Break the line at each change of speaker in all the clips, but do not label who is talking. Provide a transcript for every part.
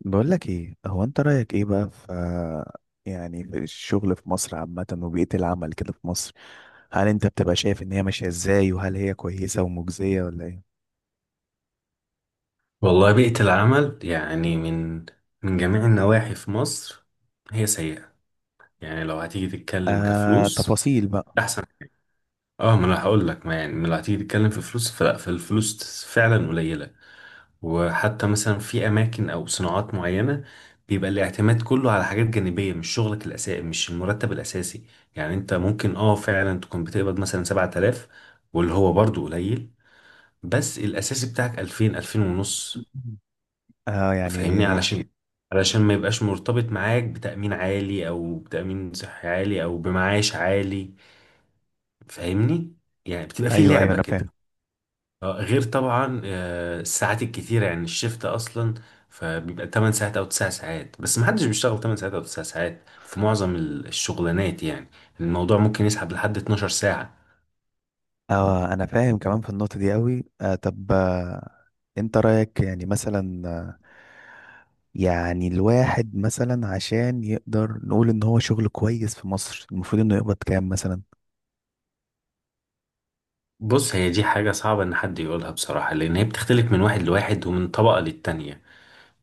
بقول لك ايه؟ هو انت رأيك ايه بقى في في الشغل في مصر عامة، وبيئة العمل كده في مصر؟ هل انت بتبقى شايف ان هي ماشية ازاي؟ وهل هي كويسة ومجزية ولا ايه؟
والله بيئة العمل يعني من جميع النواحي في مصر هي سيئة. يعني لو هتيجي تتكلم
آه،
كفلوس
تفاصيل بقى.
أحسن. اه ما انا هقول لك ما يعني ما لو هتيجي تتكلم في فلوس فالفلوس فعلا قليلة. وحتى مثلا في أماكن أو صناعات معينة، بيبقى الاعتماد كله على حاجات جانبية، مش شغلك الأساسي، مش المرتب الأساسي. يعني أنت ممكن فعلا تكون بتقبض مثلا 7000، واللي هو برضه قليل، بس الأساسي بتاعك 2000، 2000 ونص.
آه،
فاهمني؟
يعني.
علشان ما يبقاش مرتبط معاك بتأمين عالي، او بتأمين صحي عالي، او بمعاش عالي. فاهمني؟ يعني بتبقى في
ايوه، ايوه،
لعبة
انا
كده.
فاهم.
غير طبعا الساعات الكتيرة، يعني الشفت اصلا فبيبقى 8 ساعات او 9 ساعات، بس ما حدش بيشتغل 8 ساعات او 9 ساعات في معظم الشغلانات، يعني الموضوع ممكن يسحب لحد 12 ساعة.
اه، انا فاهم كمان في النقطة دي قوي. آه، طب، انت رأيك يعني مثلا، يعني الواحد مثلا عشان يقدر نقول ان هو شغل كويس في مصر، المفروض انه يقبض كام مثلا؟
بص، هي دي حاجة صعبة ان حد يقولها بصراحة، لان هي بتختلف من واحد لواحد، ومن طبقة للتانية.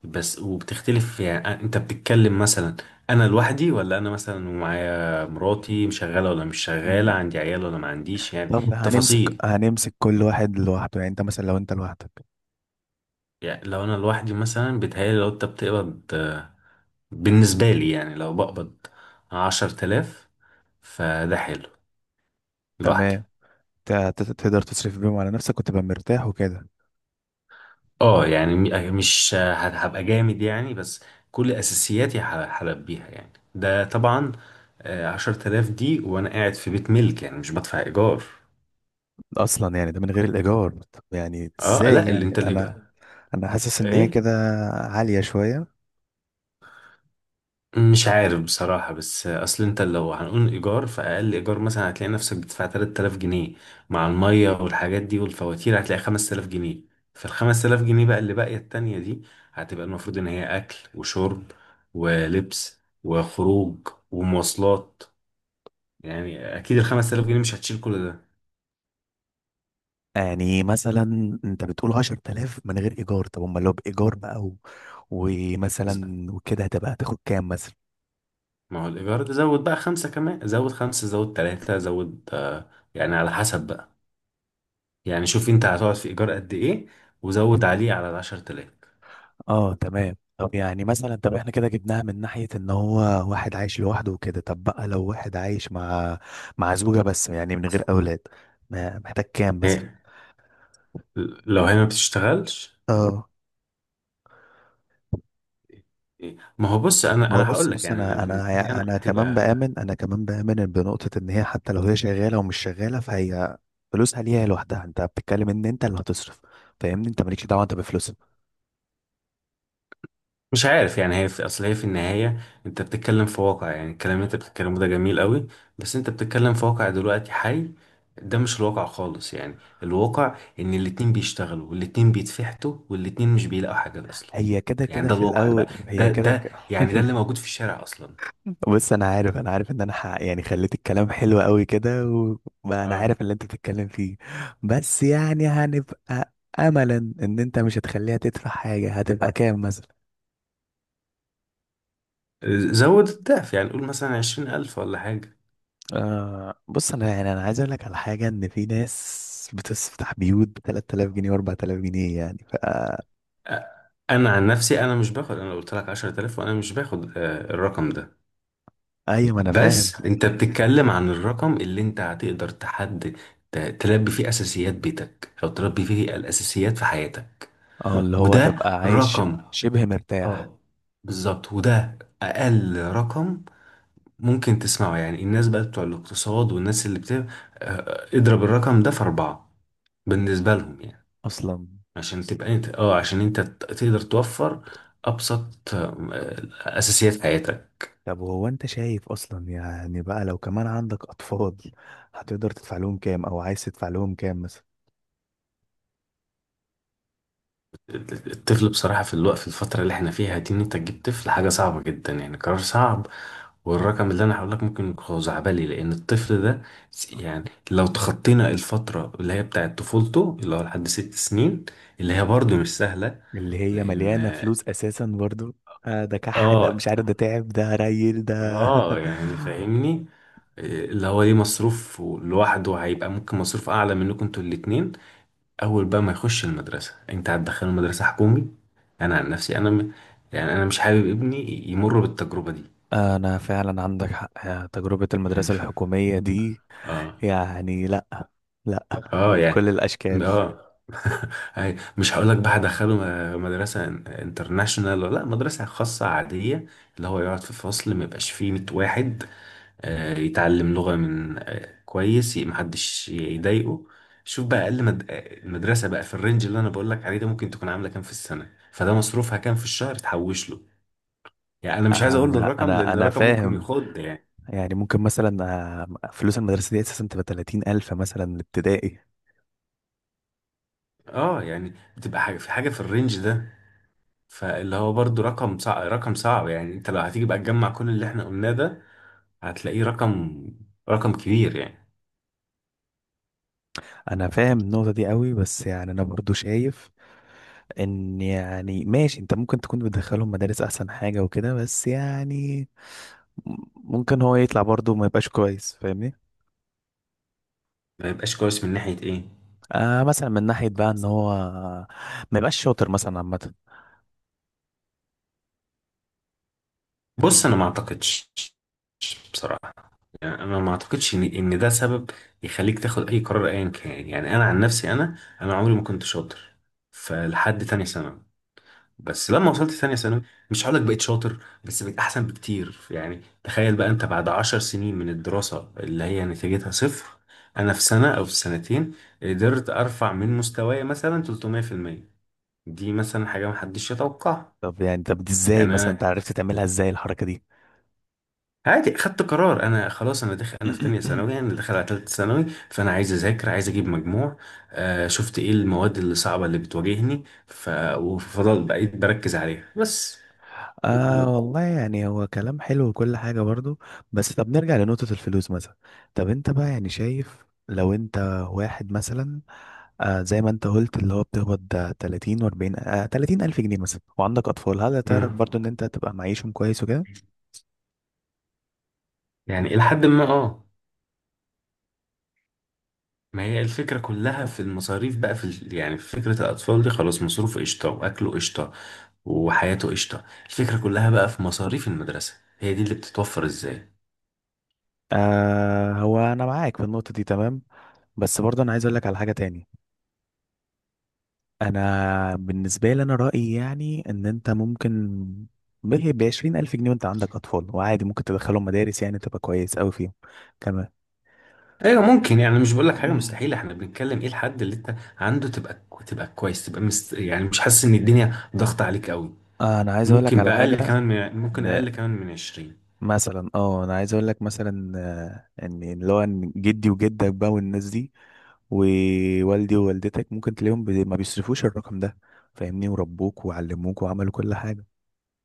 بس وبتختلف يعني، انت بتتكلم مثلا انا لوحدي، ولا انا مثلا ومعايا مراتي مشغله، ولا مش شغاله، عندي عيال ولا ما عنديش؟ يعني
طب، هنمسك
تفاصيل.
هنمسك كل واحد لوحده، يعني انت مثلا لو انت لوحدك.
يعني لو انا لوحدي مثلا بيتهيألي، لو انت بتقبض بالنسبه لي يعني، لو بقبض 10 تلاف فده حلو. لوحدي.
تمام. تقدر تصرف بيهم على نفسك وتبقى مرتاح وكده.
اه يعني، مش هبقى جامد يعني، بس كل اساسياتي هلبيها يعني، ده طبعا. عشر تلاف دي وانا قاعد في بيت ملك، يعني مش بدفع ايجار.
اصلا يعني ده من غير الايجار؟ طب يعني
اه
ازاي؟
لا، اللي
يعني
انت،
انا،
الايجار،
انا حاسس ان هي
ايه،
كده عالية شوية.
مش عارف بصراحة. بس اصل انت لو هنقول ايجار، فاقل ايجار مثلا هتلاقي نفسك بتدفع 3000 جنيه. مع المية والحاجات دي والفواتير هتلاقي 5000 جنيه. فال 5000 جنيه بقى اللي باقية التانية دي، هتبقى المفروض ان هي اكل وشرب، ولبس، وخروج، ومواصلات. يعني اكيد ال 5000 جنيه مش هتشيل كل ده.
يعني مثلا انت بتقول 10000 من غير ايجار؟ طب امال لو بايجار بقى، و...
ز-
ومثلا وكده هتبقى هتاخد كام؟
ما هو الايجار ده زود بقى خمسة، كمان زود خمسة، زود تلاتة، زود يعني على حسب بقى. يعني شوف انت هتقعد في ايجار قد ايه وزود عليه على ال10 تلاف.
اه، تمام. طب يعني مثلا، طب احنا كده جبناها من ناحية ان هو واحد عايش لوحده وكده، طب بقى لو واحد عايش مع زوجة بس، يعني من غير اولاد، محتاج كام مثلا؟
إيه؟ لو هي ما بتشتغلش.
اه،
إيه؟ ما هو بص، انا
ما هو
انا
بص
هقول لك،
بص،
يعني انا
انا
بالنسبه لي
انا
انا
انا كمان
هتبقى،
بآمن، بنقطة ان هي حتى لو هي شغالة ومش شغالة، فهي فلوسها ليها لوحدها. انت بتتكلم ان انت اللي هتصرف، فاهمني؟ انت مالكش دعوة انت بفلوسها.
مش عارف يعني. هي في اصل، هي في النهايه انت بتتكلم في واقع، يعني الكلام اللي انت بتتكلمه ده جميل قوي، بس انت بتتكلم في واقع دلوقتي حي. ده مش الواقع خالص يعني. الواقع ان الاتنين بيشتغلوا، والاتنين بيتفحتوا، والاتنين مش بيلاقوا حاجه اصلا.
هي كده
يعني
كده
ده
في
الواقع، ده
الاول،
بقى
هي
ده
كده
ده
كده.
يعني، ده اللي موجود في الشارع اصلا.
بص، انا عارف ان انا، يعني خليت الكلام حلو قوي كده، وبقى انا
اه،
عارف اللي انت بتتكلم فيه. بس يعني هنبقى، املا ان انت مش هتخليها تدفع حاجه، هتبقى كام مثلا؟
زود الضعف يعني، قول مثلا 20 ألف ولا حاجة.
آه، بص، انا يعني انا عايز اقول لك على حاجه، ان في ناس بتفتح بيوت ب 3000 جنيه و4000 جنيه، يعني ف...
أ- أنا عن نفسي أنا مش باخد. أنا قلت لك 10 آلاف، وأنا مش باخد الرقم ده.
ايوه، ما انا فاهم.
بس أنت بتتكلم عن الرقم اللي أنت هتقدر تحد، تلبي فيه أساسيات بيتك، أو تلبي فيه الأساسيات في حياتك.
اه، اللي هو
وده
تبقى عايش
رقم.
شبه مرتاح
اه، بالظبط، وده أقل رقم ممكن تسمعه. يعني الناس بقى بتوع الاقتصاد، والناس اللي بت آه، اضرب الرقم ده في 4، بالنسبة لهم يعني.
اصلا.
عشان تبقى انت، عشان انت تقدر توفر ابسط اساسيات حياتك.
طب وهو انت شايف اصلا يعني بقى، لو كمان عندك اطفال، هتقدر تدفع لهم كام، او عايز تدفع لهم كام مثلا؟
الطفل بصراحه، في الفتره اللي احنا فيها دي، ان انت تجيب طفل حاجه صعبه جدا، يعني قرار صعب. والرقم اللي انا هقول لك ممكن يكون خزعبلي، لان الطفل ده، يعني لو تخطينا الفتره اللي هي بتاعه طفولته، اللي هو لحد 6 سنين، اللي هي برضه مش سهله،
اللي هي مليانة
لان
فلوس اساسا برضو. آه، ده كح، ده
اه
مش عارف، ده تعب، ده ريل، ده.
اه يعني فاهمني. اللي هو ليه مصروف لوحده، هيبقى ممكن مصروف اعلى منكم انتوا الاتنين. اول بقى ما يخش المدرسه، انت هتدخله مدرسه حكومي. انا عن نفسي، يعني انا مش حابب ابني يمر بالتجربه دي،
انا فعلا عندك حق. آه، تجربة
يعني
المدرسة
فاهم.
الحكومية دي،
اه.
يعني لا، لا،
اه يعني.
بكل الاشكال.
اه. مش هقول لك بقى هدخله مدرسه انترناشونال ولا لا، مدرسه خاصه عاديه، اللي هو يقعد في فصل ما يبقاش فيه 100 واحد، يتعلم لغة من كويس، محدش يضايقه. شوف بقى أقل مد... آه، المدرسة بقى في الرينج اللي أنا بقولك عليه ده، ممكن تكون عاملة كام في السنة، فده مصروفها كام في الشهر تحوش له. يعني أنا مش عايز أقول
انا
الرقم،
انا
لأن
انا
الرقم ممكن
فاهم.
يخض يعني.
يعني ممكن مثلا، فلوس المدرسة دي اساسا تبقى 30 الف مثلا الابتدائي.
اه يعني، بتبقى حاجة في الرينج ده. فاللي هو برضو رقم صعب، رقم صعب يعني. انت لو هتيجي بقى تجمع كل اللي احنا قلناه ده، هتلاقيه رقم كبير يعني.
انا فاهم النقطه دي قوي، بس يعني انا برضو شايف ان يعني ماشي، انت ممكن تكون بتدخلهم مدارس احسن حاجه وكده، بس يعني ممكن هو يطلع برضو ما يبقاش كويس، فاهمني؟
ما يبقاش كويس من ناحية ايه؟
آه، مثلا من ناحيه بقى، ان هو ما يبقاش شاطر مثلا عامه.
بص، انا ما اعتقدش بصراحة. انا ما اعتقدش ان ده سبب يخليك تاخد اي قرار ايا كان. يعني انا عن نفسي، انا عمري ما كنت شاطر، فلحد تانية ثانوي. بس لما وصلت تانية ثانوي، مش هقولك بقيت شاطر، بس بقيت احسن بكتير. يعني تخيل بقى، انت بعد 10 سنين من الدراسة اللي هي نتيجتها صفر، انا في سنة او في سنتين قدرت ارفع من مستواي مثلا 300%. دي مثلا حاجة محدش يتوقعها.
طب يعني، طب دي ازاي؟
يعني
مثلا انت
انا
عرفت تعملها ازاي الحركه دي؟
عادي خدت قرار. انا خلاص انا داخل، انا في تانية ثانوي، انا داخل على تالتة ثانوي. فانا عايز اذاكر، عايز اجيب مجموع. آه شفت ايه المواد اللي صعبة، اللي بتواجهني وفضل بقيت بركز عليها بس. و...
آه،
و...
والله يعني هو كلام حلو وكل حاجة برضو، بس طب نرجع لنقطة الفلوس مثلا. طب انت بقى يعني شايف، لو انت واحد مثلا، آه زي ما انت قلت اللي هو بتقبض، آه، 30 و40، آه 30 الف جنيه مثلا، وعندك اطفال، هل تعرف
مم.
برضو ان انت تبقى معيشهم كويس وكده؟
يعني الى حد ما، اه. ما هي الفكرة كلها في المصاريف بقى، يعني في فكرة الاطفال دي، خلاص مصروفه قشطة، واكله قشطة، وحياته قشطة. الفكرة كلها بقى في مصاريف المدرسة. هي دي اللي بتتوفر ازاي.
آه، هو انا معاك في النقطة دي تمام، بس برضو انا عايز اقول لك على حاجة تاني. انا بالنسبة لي انا رأيي يعني ان انت ممكن ب 20 الف جنيه، وانت عندك اطفال وعادي، ممكن تدخلهم مدارس، يعني تبقى كويس قوي فيهم كمان.
ايوه، ممكن يعني. مش بقول لك حاجه مستحيله. احنا بنتكلم ايه الحد اللي انت عنده تبقى كويس، تبقى يعني مش حاسس ان الدنيا ضغط عليك قوي.
آه، انا عايز اقول لك
ممكن
على
بأقل
حاجه،
كمان ممكن
إن،
اقل كمان من 20.
مثلا، اه انا عايز اقول لك مثلا، ان اللي هو إن جدي وجدك بقى، والناس دي، ووالدي ووالدتك، ممكن تلاقيهم ما بيصرفوش الرقم ده، فاهمني؟ وربوك وعلموك وعملوا كل حاجة،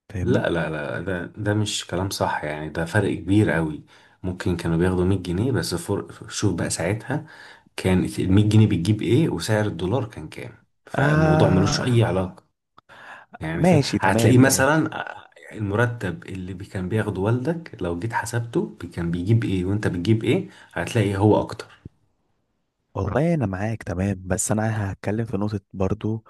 فاهمني؟
لا لا لا، ده مش كلام صح. يعني ده فرق كبير قوي. ممكن كانوا بياخدوا 100 جنيه بس. شوف بقى ساعتها كان ال 100 جنيه بتجيب ايه، وسعر الدولار كان كام؟ فالموضوع
آه،
ملوش اي علاقه يعني.
ماشي،
هتلاقيه
تمام تمام.
مثلا المرتب اللي كان بياخده والدك، لو جيت حسبته كان بيجيب ايه وانت بتجيب ايه، هتلاقي هو اكتر.
والله انا معاك تمام، بس انا هتكلم في نقطة برضو.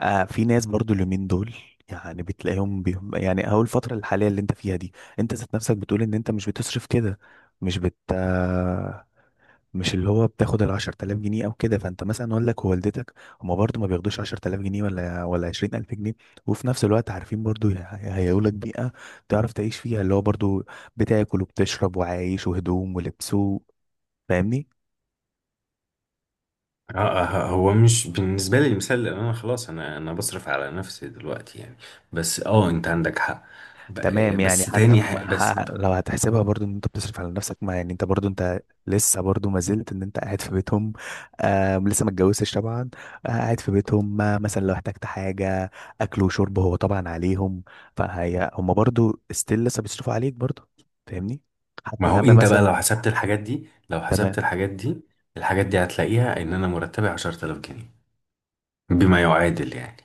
آه، في ناس برضو اليومين دول، يعني بتلاقيهم بيهم، يعني اهو الفترة الحالية اللي انت فيها دي، انت ذات نفسك بتقول ان انت مش بتصرف كده، مش بت مش اللي هو بتاخد ال 10000 جنيه او كده. فانت مثلا والدك ووالدتك هما برضو ما بياخدوش 10000 جنيه، ولا 20000 جنيه، وفي نفس الوقت عارفين برضو، هيهيئوا لك بيئة تعرف تعيش فيها، اللي هو برضو بتاكل وبتشرب وعايش، وهدوم ولبس فاهمني؟
هو مش بالنسبة لي المثال، لأن أنا خلاص، أنا أنا بصرف على نفسي دلوقتي يعني. بس أنت عندك حق.
تمام
بس
يعني، حتى
تاني،
ما
بس،
ح- لو هتحسبها برضو ان انت بتصرف على نفسك، ما يعني انت برضو انت لسه برضو ما زلت ان انت قاعد في بيتهم. آه، لسه ما اتجوزتش طبعا، آه قاعد في بيتهم، ما مثلا لو احتجت حاجة اكل وشرب هو طبعا عليهم. فهي هم برضو ستيل لسه بيصرفوا عليك برضو، فاهمني؟
ما
حتى يا
هو
عم
أنت بقى لو
مثلا.
حسبت الحاجات دي لو حسبت
تمام.
الحاجات دي الحاجات دي هتلاقيها إن أنا مرتبي 10000 جنيه، بما يعادل يعني.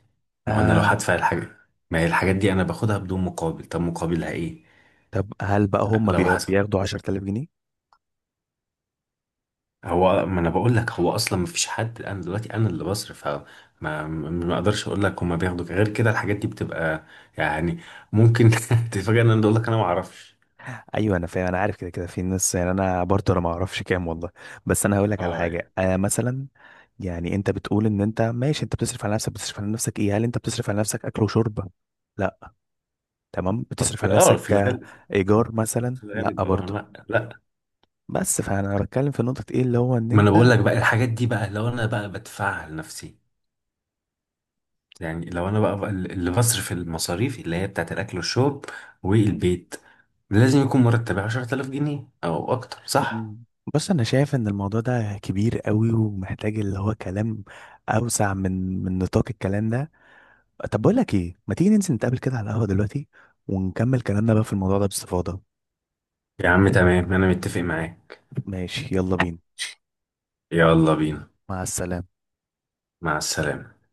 ما هو أنا لو
آه،
هدفع الحاجة، ما هي الحاجات دي أنا باخدها بدون مقابل، طب مقابلها إيه؟
طب هل بقى هم
لو حسب،
بياخدوا 10000 جنيه؟
هو ما انا بقول لك هو اصلا ما فيش حد. انا دلوقتي انا اللي بصرف، فما ما اقدرش اقول لك هما بياخدوا غير كده. الحاجات دي بتبقى يعني، ممكن تتفاجئ ان انا اقول لك انا ما اعرفش.
ايوه، انا فاهم، انا عارف، كده كده في ناس، يعني انا برضه، ما اعرفش كام والله، بس انا هقول لك على
اه
حاجه.
يعني،
آه، مثلا يعني انت بتقول ان انت ماشي انت بتصرف على نفسك، بتصرف على نفسك ايه؟ هل انت بتصرف على نفسك اكل وشرب؟ لا. تمام، بتصرف على
في
نفسك، آه،
الغالب.
ايجار مثلا؟
في
لا
الغالب، اه،
برضه.
لا لا.
بس فانا بتكلم في نقطه، ايه اللي هو ان
ما انا بقول
انت...
لك بقى الحاجات دي، بقى لو انا بقى بدفعها لنفسي، يعني لو انا بقى اللي بصرف المصاريف اللي هي بتاعت الاكل والشرب والبيت، لازم يكون مرتبي 10000 جنيه او اكتر، صح؟
مم. بص، انا شايف ان الموضوع ده كبير قوي، ومحتاج اللي هو كلام اوسع من نطاق الكلام ده. طب بقول لك ايه، ما تيجي ننزل نتقابل كده على القهوه دلوقتي، ونكمل كلامنا بقى في الموضوع ده باستفاضه.
يا عم تمام، انا متفق معاك.
ماشي، يلا بينا.
يلا بينا.
مع السلامة.
مع السلامة.